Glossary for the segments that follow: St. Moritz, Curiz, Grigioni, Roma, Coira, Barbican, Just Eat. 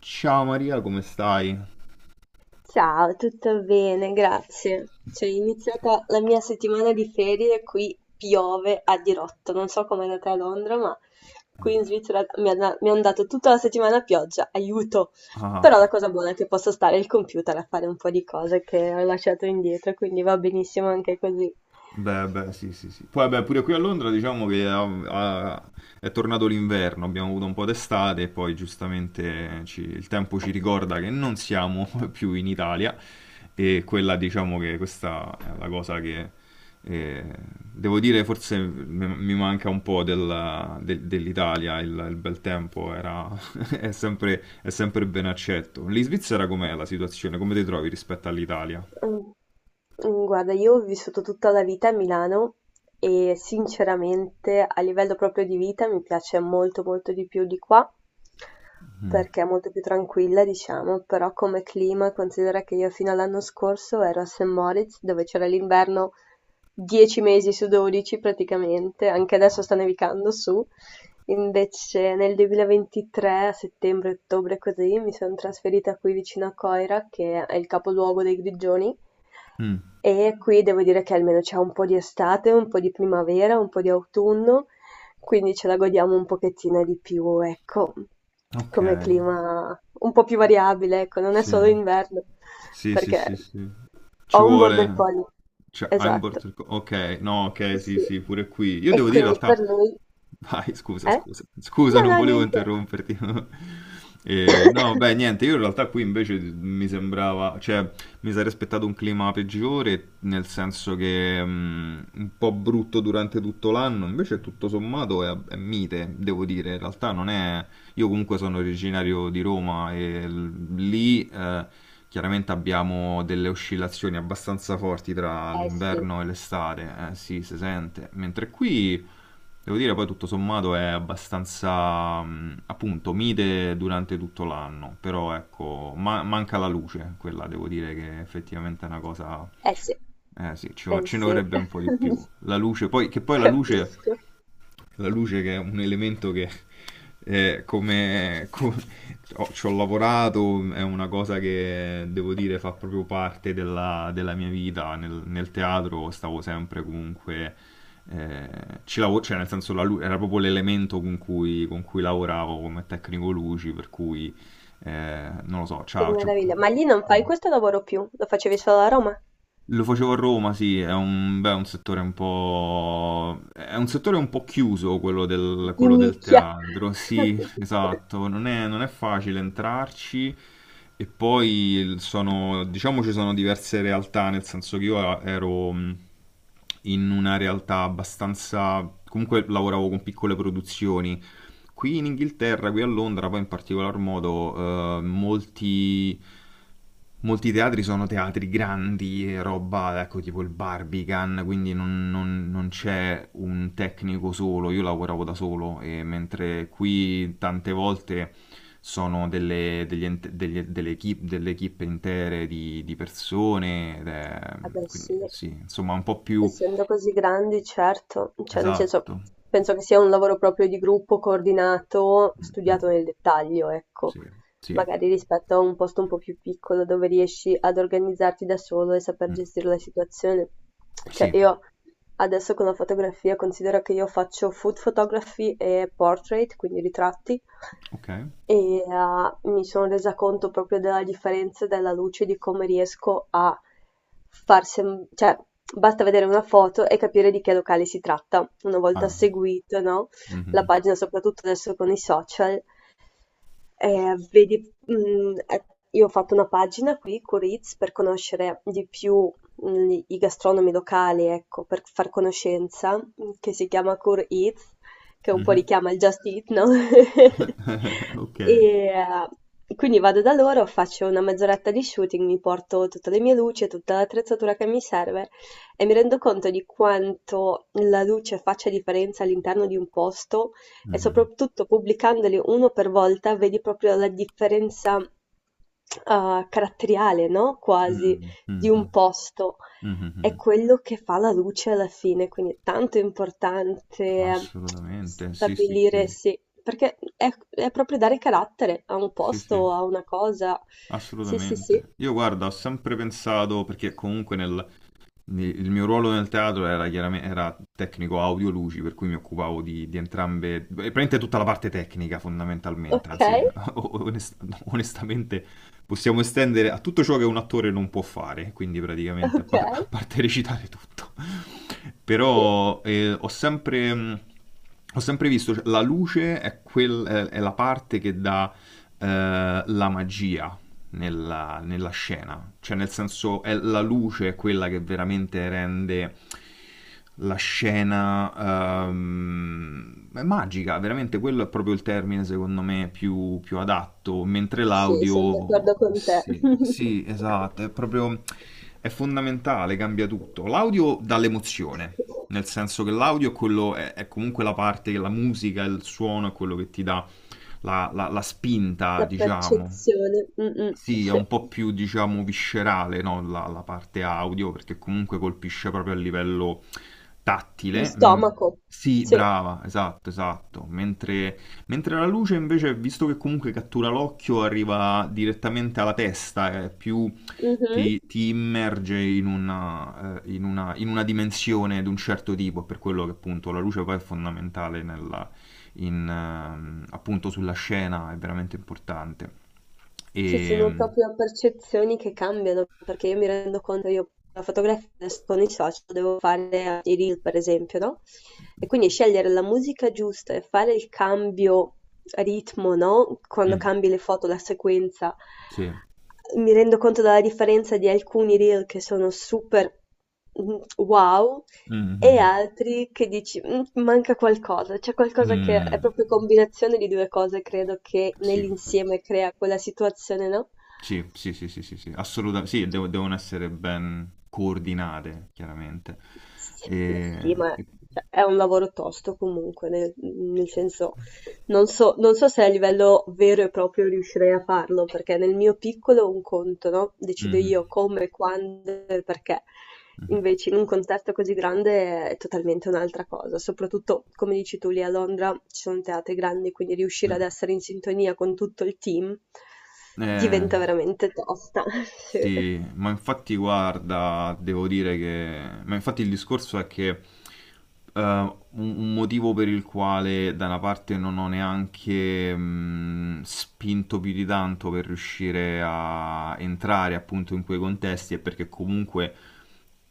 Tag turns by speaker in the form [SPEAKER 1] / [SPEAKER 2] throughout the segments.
[SPEAKER 1] Ciao Maria, come stai?
[SPEAKER 2] Ciao, tutto bene, grazie. Cioè, è iniziata la mia settimana di ferie, qui piove a dirotto. Non so com'è andata a Londra, ma qui in Svizzera mi hanno dato tutta la settimana a pioggia, aiuto! Però la
[SPEAKER 1] Ah,
[SPEAKER 2] cosa buona è che posso stare al computer a fare un po' di cose che ho lasciato indietro, quindi va benissimo anche così.
[SPEAKER 1] beh, beh, sì, sì, sì. Poi, beh, pure qui a Londra diciamo che ah, è tornato l'inverno, abbiamo avuto un po' d'estate e poi giustamente il tempo ci ricorda che non siamo più in Italia e quella diciamo che questa è la cosa che eh, devo dire forse mi manca un po' dell'Italia, il bel tempo era, è sempre ben accetto. Lì in Svizzera com'è la situazione? Come ti trovi rispetto all'Italia?
[SPEAKER 2] Mhmm, guarda, io ho vissuto tutta la vita a Milano e sinceramente a livello proprio di vita mi piace molto, molto di più di qua,
[SPEAKER 1] Mh.
[SPEAKER 2] perché è molto più tranquilla, diciamo, però come clima considera che io fino all'anno scorso ero a St. Moritz, dove c'era l'inverno 10 mesi su 12 praticamente, anche
[SPEAKER 1] No.
[SPEAKER 2] adesso sta nevicando su. Invece nel 2023, a settembre-ottobre così, mi sono trasferita qui vicino a Coira, che è il capoluogo dei Grigioni,
[SPEAKER 1] Mh.
[SPEAKER 2] e qui devo dire che almeno c'è un po' di estate, un po' di primavera, un po' di autunno, quindi ce la godiamo un pochettino di più, ecco, come
[SPEAKER 1] Okay,
[SPEAKER 2] clima un po' più variabile, ecco, non è
[SPEAKER 1] sì.
[SPEAKER 2] solo inverno,
[SPEAKER 1] Sì, sì,
[SPEAKER 2] perché
[SPEAKER 1] sì, sì.
[SPEAKER 2] ho
[SPEAKER 1] Ci
[SPEAKER 2] un border
[SPEAKER 1] vuole
[SPEAKER 2] collie,
[SPEAKER 1] cioè hai un
[SPEAKER 2] esatto.
[SPEAKER 1] border co okay, no, okay, sì,
[SPEAKER 2] Sì.
[SPEAKER 1] sì, pure qui. Io
[SPEAKER 2] E
[SPEAKER 1] devo dire in
[SPEAKER 2] quindi per
[SPEAKER 1] realtà
[SPEAKER 2] lui
[SPEAKER 1] vai, scusa,
[SPEAKER 2] eh?
[SPEAKER 1] scusa. Scusa,
[SPEAKER 2] No,
[SPEAKER 1] non
[SPEAKER 2] no,
[SPEAKER 1] volevo
[SPEAKER 2] niente.
[SPEAKER 1] interromperti. No, beh, niente, io in realtà qui invece mi sembrava cioè mi sarei aspettato un clima peggiore, nel senso che, un po' brutto durante tutto l'anno, invece tutto sommato è mite, devo dire. In realtà non è. Io comunque sono originario di Roma e lì chiaramente abbiamo delle oscillazioni abbastanza forti tra
[SPEAKER 2] Eh sì,
[SPEAKER 1] l'inverno e l'estate, sì, si sente, mentre qui devo dire poi tutto sommato è abbastanza appunto mite durante tutto l'anno, però ecco, manca la luce, quella devo dire che effettivamente è una cosa.
[SPEAKER 2] eh sì,
[SPEAKER 1] Eh sì,
[SPEAKER 2] eh
[SPEAKER 1] ci ne
[SPEAKER 2] sì,
[SPEAKER 1] vorrebbe un po' di più. La luce, poi, che poi
[SPEAKER 2] capisco.
[SPEAKER 1] la luce che è un elemento che eh, come co- ci ho lavorato, è una cosa che devo dire fa proprio parte della mia vita. Nel teatro stavo sempre comunque, eh, cioè nel senso era proprio l'elemento con cui lavoravo come tecnico luci, per cui non lo so,
[SPEAKER 2] Che
[SPEAKER 1] ciao. Ciao.
[SPEAKER 2] meraviglia. Ma lì non fai questo lavoro più, lo facevi solo a Roma?
[SPEAKER 1] Lo facevo a Roma, sì, beh, è un settore un po'. È un settore un po' chiuso
[SPEAKER 2] Di
[SPEAKER 1] quello del
[SPEAKER 2] nicchia.
[SPEAKER 1] teatro, sì, esatto, non è facile entrarci e poi sono, diciamo ci sono diverse realtà, nel senso che io ero in una realtà abbastanza. Comunque lavoravo con piccole produzioni, qui in Inghilterra, qui a Londra, poi in particolar modo, molti teatri sono teatri grandi, e roba, ecco, tipo il Barbican, quindi non c'è un tecnico solo, io lavoravo da solo, e mentre qui tante volte sono delle, degli ent- degli- delle equip- delle equipe intere di persone, ed è
[SPEAKER 2] Vabbè,
[SPEAKER 1] quindi
[SPEAKER 2] sì.
[SPEAKER 1] sì, insomma, un po' più.
[SPEAKER 2] Essendo così grandi, certo, cioè nel senso,
[SPEAKER 1] Esatto.
[SPEAKER 2] penso che sia un lavoro proprio di gruppo, coordinato,
[SPEAKER 1] Mm, mm.
[SPEAKER 2] studiato nel dettaglio, ecco.
[SPEAKER 1] Sì, sì.
[SPEAKER 2] Magari rispetto a un posto un po' più piccolo dove riesci ad organizzarti da solo e saper
[SPEAKER 1] Mm.
[SPEAKER 2] gestire la situazione. Cioè
[SPEAKER 1] Sì.
[SPEAKER 2] io adesso con la fotografia considero che io faccio food photography e portrait, quindi ritratti,
[SPEAKER 1] Okay.
[SPEAKER 2] e, mi sono resa conto proprio della differenza della luce, di come riesco a far sem cioè basta vedere una foto e capire di che locale si tratta. Una volta
[SPEAKER 1] Ah.
[SPEAKER 2] seguito, no, la
[SPEAKER 1] Mh-mh-mh.
[SPEAKER 2] pagina soprattutto adesso con i social, vedi, mh, eh, io ho fatto una pagina qui, Curiz, per conoscere di più i gastronomi locali, ecco, per far conoscenza, che si chiama Curiz, che un po'
[SPEAKER 1] Mh-mh.
[SPEAKER 2] richiama il Just Eat, no?
[SPEAKER 1] Okay.
[SPEAKER 2] E quindi vado da loro, faccio una mezz'oretta di shooting, mi porto tutte le mie luci, tutta l'attrezzatura che mi serve e mi rendo conto di quanto la luce faccia differenza all'interno di un posto e
[SPEAKER 1] Mh-mh-mh.
[SPEAKER 2] soprattutto pubblicandoli uno per volta vedi proprio la differenza caratteriale, no? Quasi
[SPEAKER 1] Mh.
[SPEAKER 2] di
[SPEAKER 1] Mh-mh.
[SPEAKER 2] un posto. È
[SPEAKER 1] Mh-mh-mh-mh.
[SPEAKER 2] quello che fa la luce alla fine, quindi è tanto importante
[SPEAKER 1] Assolutamente, sì, sì,
[SPEAKER 2] stabilire,
[SPEAKER 1] sì.
[SPEAKER 2] sì, perché è proprio dare carattere a un
[SPEAKER 1] Sì, sì,
[SPEAKER 2] posto, a una cosa. Sì, sì, sì.
[SPEAKER 1] assolutamente. Io guarda, ho sempre pensato perché comunque nel il mio ruolo nel teatro era, chiaramente, era tecnico audio luci, per cui mi occupavo di entrambe, e praticamente tutta la parte tecnica fondamentalmente,
[SPEAKER 2] Ok,
[SPEAKER 1] anzi onest- no, onestamente possiamo estendere a tutto ciò che un attore non può fare, quindi praticamente
[SPEAKER 2] ok,
[SPEAKER 1] a parte recitare tutto.
[SPEAKER 2] sì,
[SPEAKER 1] Però ho sempre. Ho sempre visto, cioè, la luce è, quel- è la parte che dà la magia nella scena. Cioè, nel senso, è la luce è quella che veramente rende la scena è magica, veramente quello è proprio il termine secondo me più adatto, mentre
[SPEAKER 2] sì, sono
[SPEAKER 1] l'audio
[SPEAKER 2] d'accordo con te.
[SPEAKER 1] sì, sì, esatto, è proprio è fondamentale, cambia tutto. L'audio dà l'emozione, nel senso che l'audio è comunque la parte che il suono è quello che ti dà la spinta,
[SPEAKER 2] La
[SPEAKER 1] diciamo.
[SPEAKER 2] percezione, mm, mm,
[SPEAKER 1] Sì, è un
[SPEAKER 2] sì.
[SPEAKER 1] po' più, diciamo, viscerale, no, la parte audio, perché comunque colpisce proprio a livello
[SPEAKER 2] Di
[SPEAKER 1] tattile. Mm,
[SPEAKER 2] stomaco,
[SPEAKER 1] sì,
[SPEAKER 2] sì,
[SPEAKER 1] brava, esatto, esatto. Mentre la luce, invece, visto che comunque cattura l'occhio, arriva direttamente alla testa, è più
[SPEAKER 2] mh-mh.
[SPEAKER 1] ti immerge in una, in una dimensione di un certo tipo, per quello che appunto la luce poi è fondamentale in, appunto sulla scena è veramente importante.
[SPEAKER 2] Sì, sono
[SPEAKER 1] E.
[SPEAKER 2] proprio percezioni che cambiano, perché io mi rendo conto, io la fotografia adesso con i social devo fare anche i reel, per esempio, no, e quindi scegliere la musica giusta e fare il cambio ritmo, no, quando
[SPEAKER 1] Mm,
[SPEAKER 2] cambi le foto, la sequenza,
[SPEAKER 1] sì.
[SPEAKER 2] mi rendo conto della differenza di alcuni reel che sono super, wow.
[SPEAKER 1] Mm, mm,
[SPEAKER 2] E
[SPEAKER 1] mm,
[SPEAKER 2] altri che dici: manca qualcosa", c'è
[SPEAKER 1] mm.
[SPEAKER 2] qualcosa che è
[SPEAKER 1] Mm,
[SPEAKER 2] proprio combinazione di due cose, credo, che
[SPEAKER 1] sì,
[SPEAKER 2] nell'insieme crea quella situazione, no?
[SPEAKER 1] sì, sì, sì, sì, sì, sì. Assolutamente. Sì, devono essere ben coordinate, chiaramente.
[SPEAKER 2] S sì,
[SPEAKER 1] E
[SPEAKER 2] ma
[SPEAKER 1] e.
[SPEAKER 2] cioè, è un lavoro tosto comunque, nel senso, non so se a livello vero e proprio riuscirei a farlo, perché nel mio piccolo un conto, no, decido
[SPEAKER 1] Mhm,
[SPEAKER 2] io come, quando e perché. Invece in un contesto così grande è totalmente un'altra cosa, soprattutto come dici tu lì a Londra ci sono teatri grandi, quindi riuscire ad
[SPEAKER 1] mhm,
[SPEAKER 2] essere in sintonia con tutto il team
[SPEAKER 1] mm.
[SPEAKER 2] diventa veramente tosta. Sì,
[SPEAKER 1] Sì, ma infatti guarda, devo dire che. Ma infatti il discorso è che un motivo per il quale da una parte non ho neanche spinto più di tanto per riuscire a entrare appunto in quei contesti è perché comunque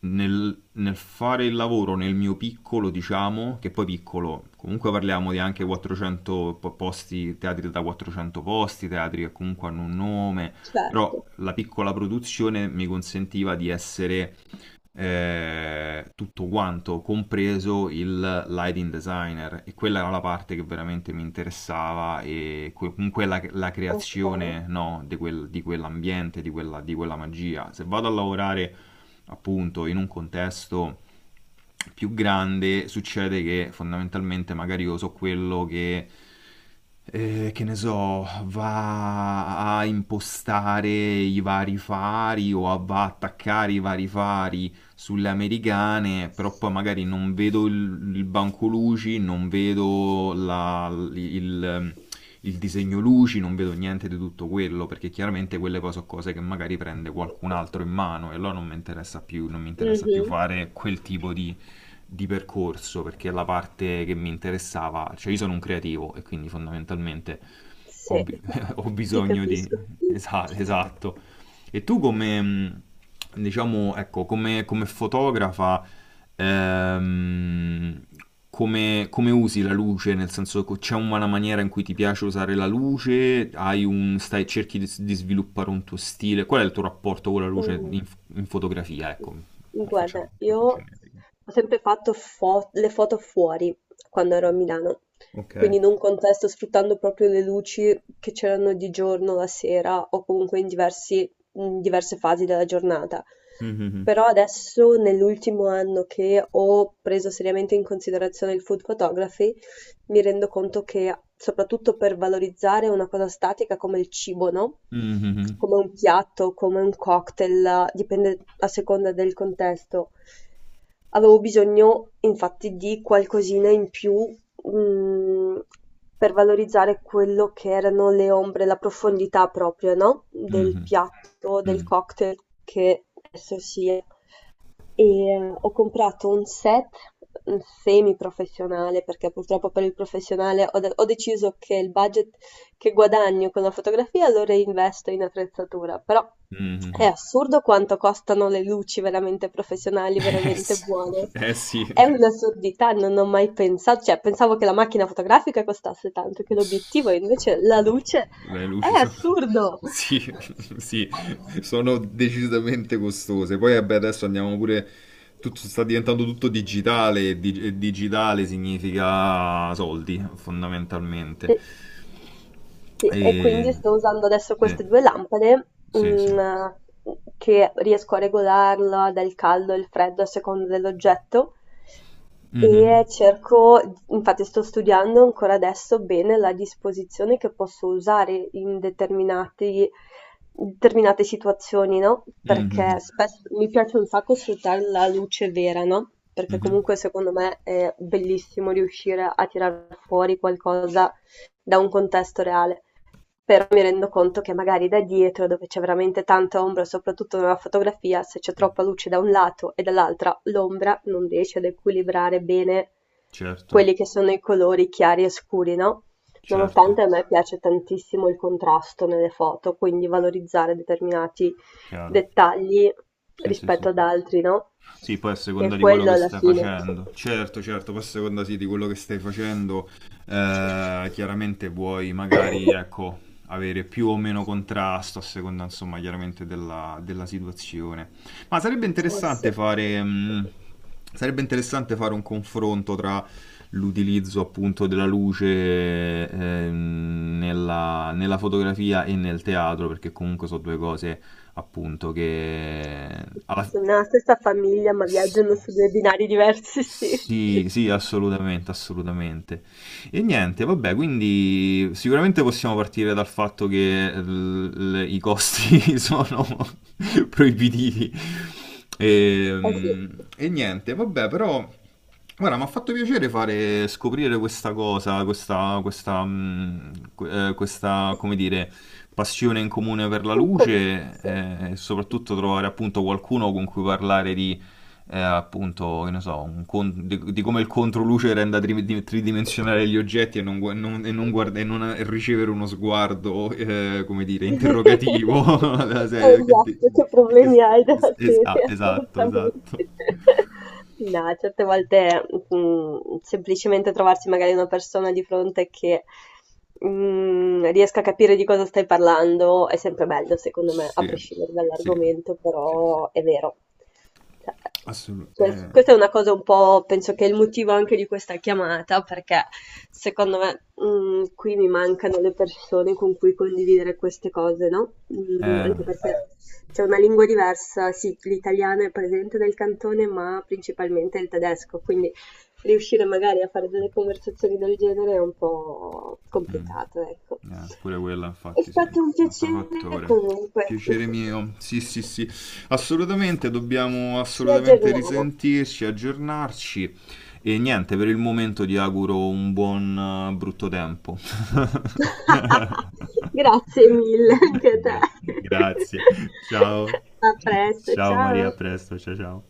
[SPEAKER 1] nel fare il lavoro nel mio piccolo, diciamo, che poi piccolo, comunque parliamo di anche 400 posti, teatri da 400 posti, teatri che comunque hanno un nome però
[SPEAKER 2] certo.
[SPEAKER 1] la piccola produzione mi consentiva di essere tutto quanto, compreso il lighting designer. E quella era la parte che veramente mi interessava comunque la
[SPEAKER 2] Okay.
[SPEAKER 1] creazione, no, di quell'ambiente, di quella magia. Se vado a lavorare appunto in un contesto più grande, succede che fondamentalmente magari io so quello che. Che ne so, va a impostare i vari fari va a attaccare i vari fari sulle americane, però poi magari non vedo il banco luci, non vedo il disegno luci, non vedo niente di tutto quello, perché chiaramente quelle poi sono cose che magari prende qualcun altro in mano e allora non mi interessa più, non mi interessa più
[SPEAKER 2] Mh-mh.
[SPEAKER 1] fare quel tipo di percorso, perché la parte che mi interessava, cioè io sono un creativo e quindi fondamentalmente ho,
[SPEAKER 2] Sì,
[SPEAKER 1] bi- ho
[SPEAKER 2] ti
[SPEAKER 1] bisogno di.
[SPEAKER 2] capisco.
[SPEAKER 1] Esatto, e tu come, diciamo, ecco, come fotografa, ehm, come usi la luce? Nel senso, c'è una maniera in cui ti piace usare la luce? Hai un, stai, cerchi di, di sviluppare un tuo stile? Qual è il tuo rapporto con la luce
[SPEAKER 2] Mm,
[SPEAKER 1] in, in fotografia? Ecco, per facciamo
[SPEAKER 2] Guarda, io
[SPEAKER 1] proprio generico.
[SPEAKER 2] ho sempre fatto le foto fuori quando ero a Milano,
[SPEAKER 1] Ok.
[SPEAKER 2] quindi in un contesto sfruttando proprio le luci che c'erano di giorno, la sera o comunque in diverse fasi della giornata.
[SPEAKER 1] Mhm.
[SPEAKER 2] Però adesso, nell'ultimo anno che ho preso seriamente in considerazione il food photography, mi rendo conto che, soprattutto per valorizzare una cosa statica come il cibo, no?
[SPEAKER 1] Mhm,
[SPEAKER 2] Come un piatto, come un cocktail, dipende a seconda del contesto. Avevo bisogno, infatti, di qualcosina in più, mm, per valorizzare quello che erano le ombre, la profondità proprio, no? Del
[SPEAKER 1] mhm,
[SPEAKER 2] piatto, del cocktail che esso sia. E ho comprato un set mm, semi-professionale perché purtroppo per il professionale ho deciso che il budget che guadagno con la fotografia lo reinvesto in attrezzatura, però
[SPEAKER 1] mhm,
[SPEAKER 2] è
[SPEAKER 1] mhm.
[SPEAKER 2] assurdo quanto costano le luci veramente professionali,
[SPEAKER 1] Eh
[SPEAKER 2] veramente
[SPEAKER 1] sì,
[SPEAKER 2] buone.
[SPEAKER 1] eh
[SPEAKER 2] È
[SPEAKER 1] sì.
[SPEAKER 2] un'assurdità, non ho mai pensato, cioè pensavo che la macchina fotografica costasse tanto, che l'obiettivo e invece la
[SPEAKER 1] No,
[SPEAKER 2] luce
[SPEAKER 1] le luci
[SPEAKER 2] è
[SPEAKER 1] sono.
[SPEAKER 2] assurdo.
[SPEAKER 1] Sì, sì, sono decisamente costose. Poi vabbè, adesso andiamo pure. Tutto, sta diventando tutto digitale e digitale significa soldi, fondamentalmente.
[SPEAKER 2] Sì, e
[SPEAKER 1] E.
[SPEAKER 2] quindi sto usando adesso
[SPEAKER 1] Sì,
[SPEAKER 2] queste due lampade,
[SPEAKER 1] sì, sì.
[SPEAKER 2] mm, che riesco a regolarla dal caldo e il freddo a seconda dell'oggetto
[SPEAKER 1] Mhm,
[SPEAKER 2] e cerco, infatti sto studiando ancora adesso bene la disposizione che posso usare determinate situazioni, no?
[SPEAKER 1] mhm,
[SPEAKER 2] Perché spesso mi piace un sacco sfruttare la luce vera, no? Perché
[SPEAKER 1] mhm.
[SPEAKER 2] comunque secondo me è bellissimo riuscire a tirar fuori qualcosa da un contesto reale, mi rendo conto che magari da dietro, dove c'è veramente tanta ombra, soprattutto nella fotografia, se c'è troppa luce da un lato e dall'altra, l'ombra non riesce ad equilibrare bene
[SPEAKER 1] Certo,
[SPEAKER 2] quelli che sono i colori chiari e scuri, no?
[SPEAKER 1] certo,
[SPEAKER 2] Nonostante a me piace tantissimo il contrasto nelle foto, quindi valorizzare determinati
[SPEAKER 1] chiaro.
[SPEAKER 2] dettagli
[SPEAKER 1] Sì, sì, sì,
[SPEAKER 2] rispetto ad
[SPEAKER 1] sì.
[SPEAKER 2] altri, no?
[SPEAKER 1] Sì, poi a
[SPEAKER 2] Che è
[SPEAKER 1] seconda di quello
[SPEAKER 2] quello
[SPEAKER 1] che
[SPEAKER 2] alla
[SPEAKER 1] stai
[SPEAKER 2] fine.
[SPEAKER 1] facendo. Certo, certo, poi a seconda sì, di quello che stai facendo, chiaramente vuoi magari, ecco, avere più o meno contrasto a seconda, insomma, chiaramente della situazione. Ma
[SPEAKER 2] Eh sì.
[SPEAKER 1] sarebbe interessante fare un confronto tra l'utilizzo appunto della luce nella fotografia e nel teatro, perché comunque sono due cose appunto che alla
[SPEAKER 2] Sono nella stessa famiglia, ma
[SPEAKER 1] S
[SPEAKER 2] viaggiano su due binari diversi, sì. Eh
[SPEAKER 1] sì, sì, assolutamente, assolutamente. E niente, vabbè, quindi sicuramente possiamo partire dal fatto che i costi sono proibitivi.
[SPEAKER 2] sì,
[SPEAKER 1] E, niente, vabbè, però, guarda, mi ha fatto piacere fare scoprire questa cosa, questa, mm, que- questa, come dire, passione in comune per la
[SPEAKER 2] un
[SPEAKER 1] luce,
[SPEAKER 2] computer.
[SPEAKER 1] e soprattutto trovare appunto qualcuno con cui parlare appunto, che ne so, di come il controluce renda tridimensionale gli oggetti e non, e non ricevere uno sguardo, come dire, interrogativo della serie. Che
[SPEAKER 2] Esatto, che
[SPEAKER 1] di che-
[SPEAKER 2] problemi hai
[SPEAKER 1] es-
[SPEAKER 2] della
[SPEAKER 1] es- ah,
[SPEAKER 2] serie,
[SPEAKER 1] esatto, esatto.
[SPEAKER 2] assolutamente. No, certe volte, semplicemente trovarsi magari una persona di fronte che riesca a capire di cosa stai parlando è sempre bello secondo me, a
[SPEAKER 1] Sì,
[SPEAKER 2] prescindere
[SPEAKER 1] sì,
[SPEAKER 2] dall'argomento,
[SPEAKER 1] sì, sì.
[SPEAKER 2] però è vero. Cioè,
[SPEAKER 1] Assolutamente.
[SPEAKER 2] questa è una cosa un po' penso che è il motivo anche di questa chiamata, perché secondo me qui mi mancano le persone con cui condividere queste cose, no,
[SPEAKER 1] Eh,
[SPEAKER 2] anche perché
[SPEAKER 1] eh,
[SPEAKER 2] c'è una lingua diversa, sì, l'italiano è presente nel cantone, ma principalmente il tedesco, quindi riuscire magari a fare delle conversazioni del genere è un po'
[SPEAKER 1] mm.
[SPEAKER 2] complicato, ecco.
[SPEAKER 1] Pure quella,
[SPEAKER 2] È
[SPEAKER 1] infatti, sì,
[SPEAKER 2] stato
[SPEAKER 1] no,
[SPEAKER 2] un
[SPEAKER 1] un altro
[SPEAKER 2] piacere
[SPEAKER 1] fattore.
[SPEAKER 2] comunque.
[SPEAKER 1] Piacere mio, sì, sì, sì, assolutamente, dobbiamo
[SPEAKER 2] Ci
[SPEAKER 1] assolutamente
[SPEAKER 2] aggiorniamo.
[SPEAKER 1] risentirci, aggiornarci e niente, per il momento ti auguro un buon brutto tempo.
[SPEAKER 2] Grazie mille anche a te.
[SPEAKER 1] Gra- Grazie, ciao,
[SPEAKER 2] A presto,
[SPEAKER 1] ciao Maria, a
[SPEAKER 2] ciao.
[SPEAKER 1] presto, ciao ciao.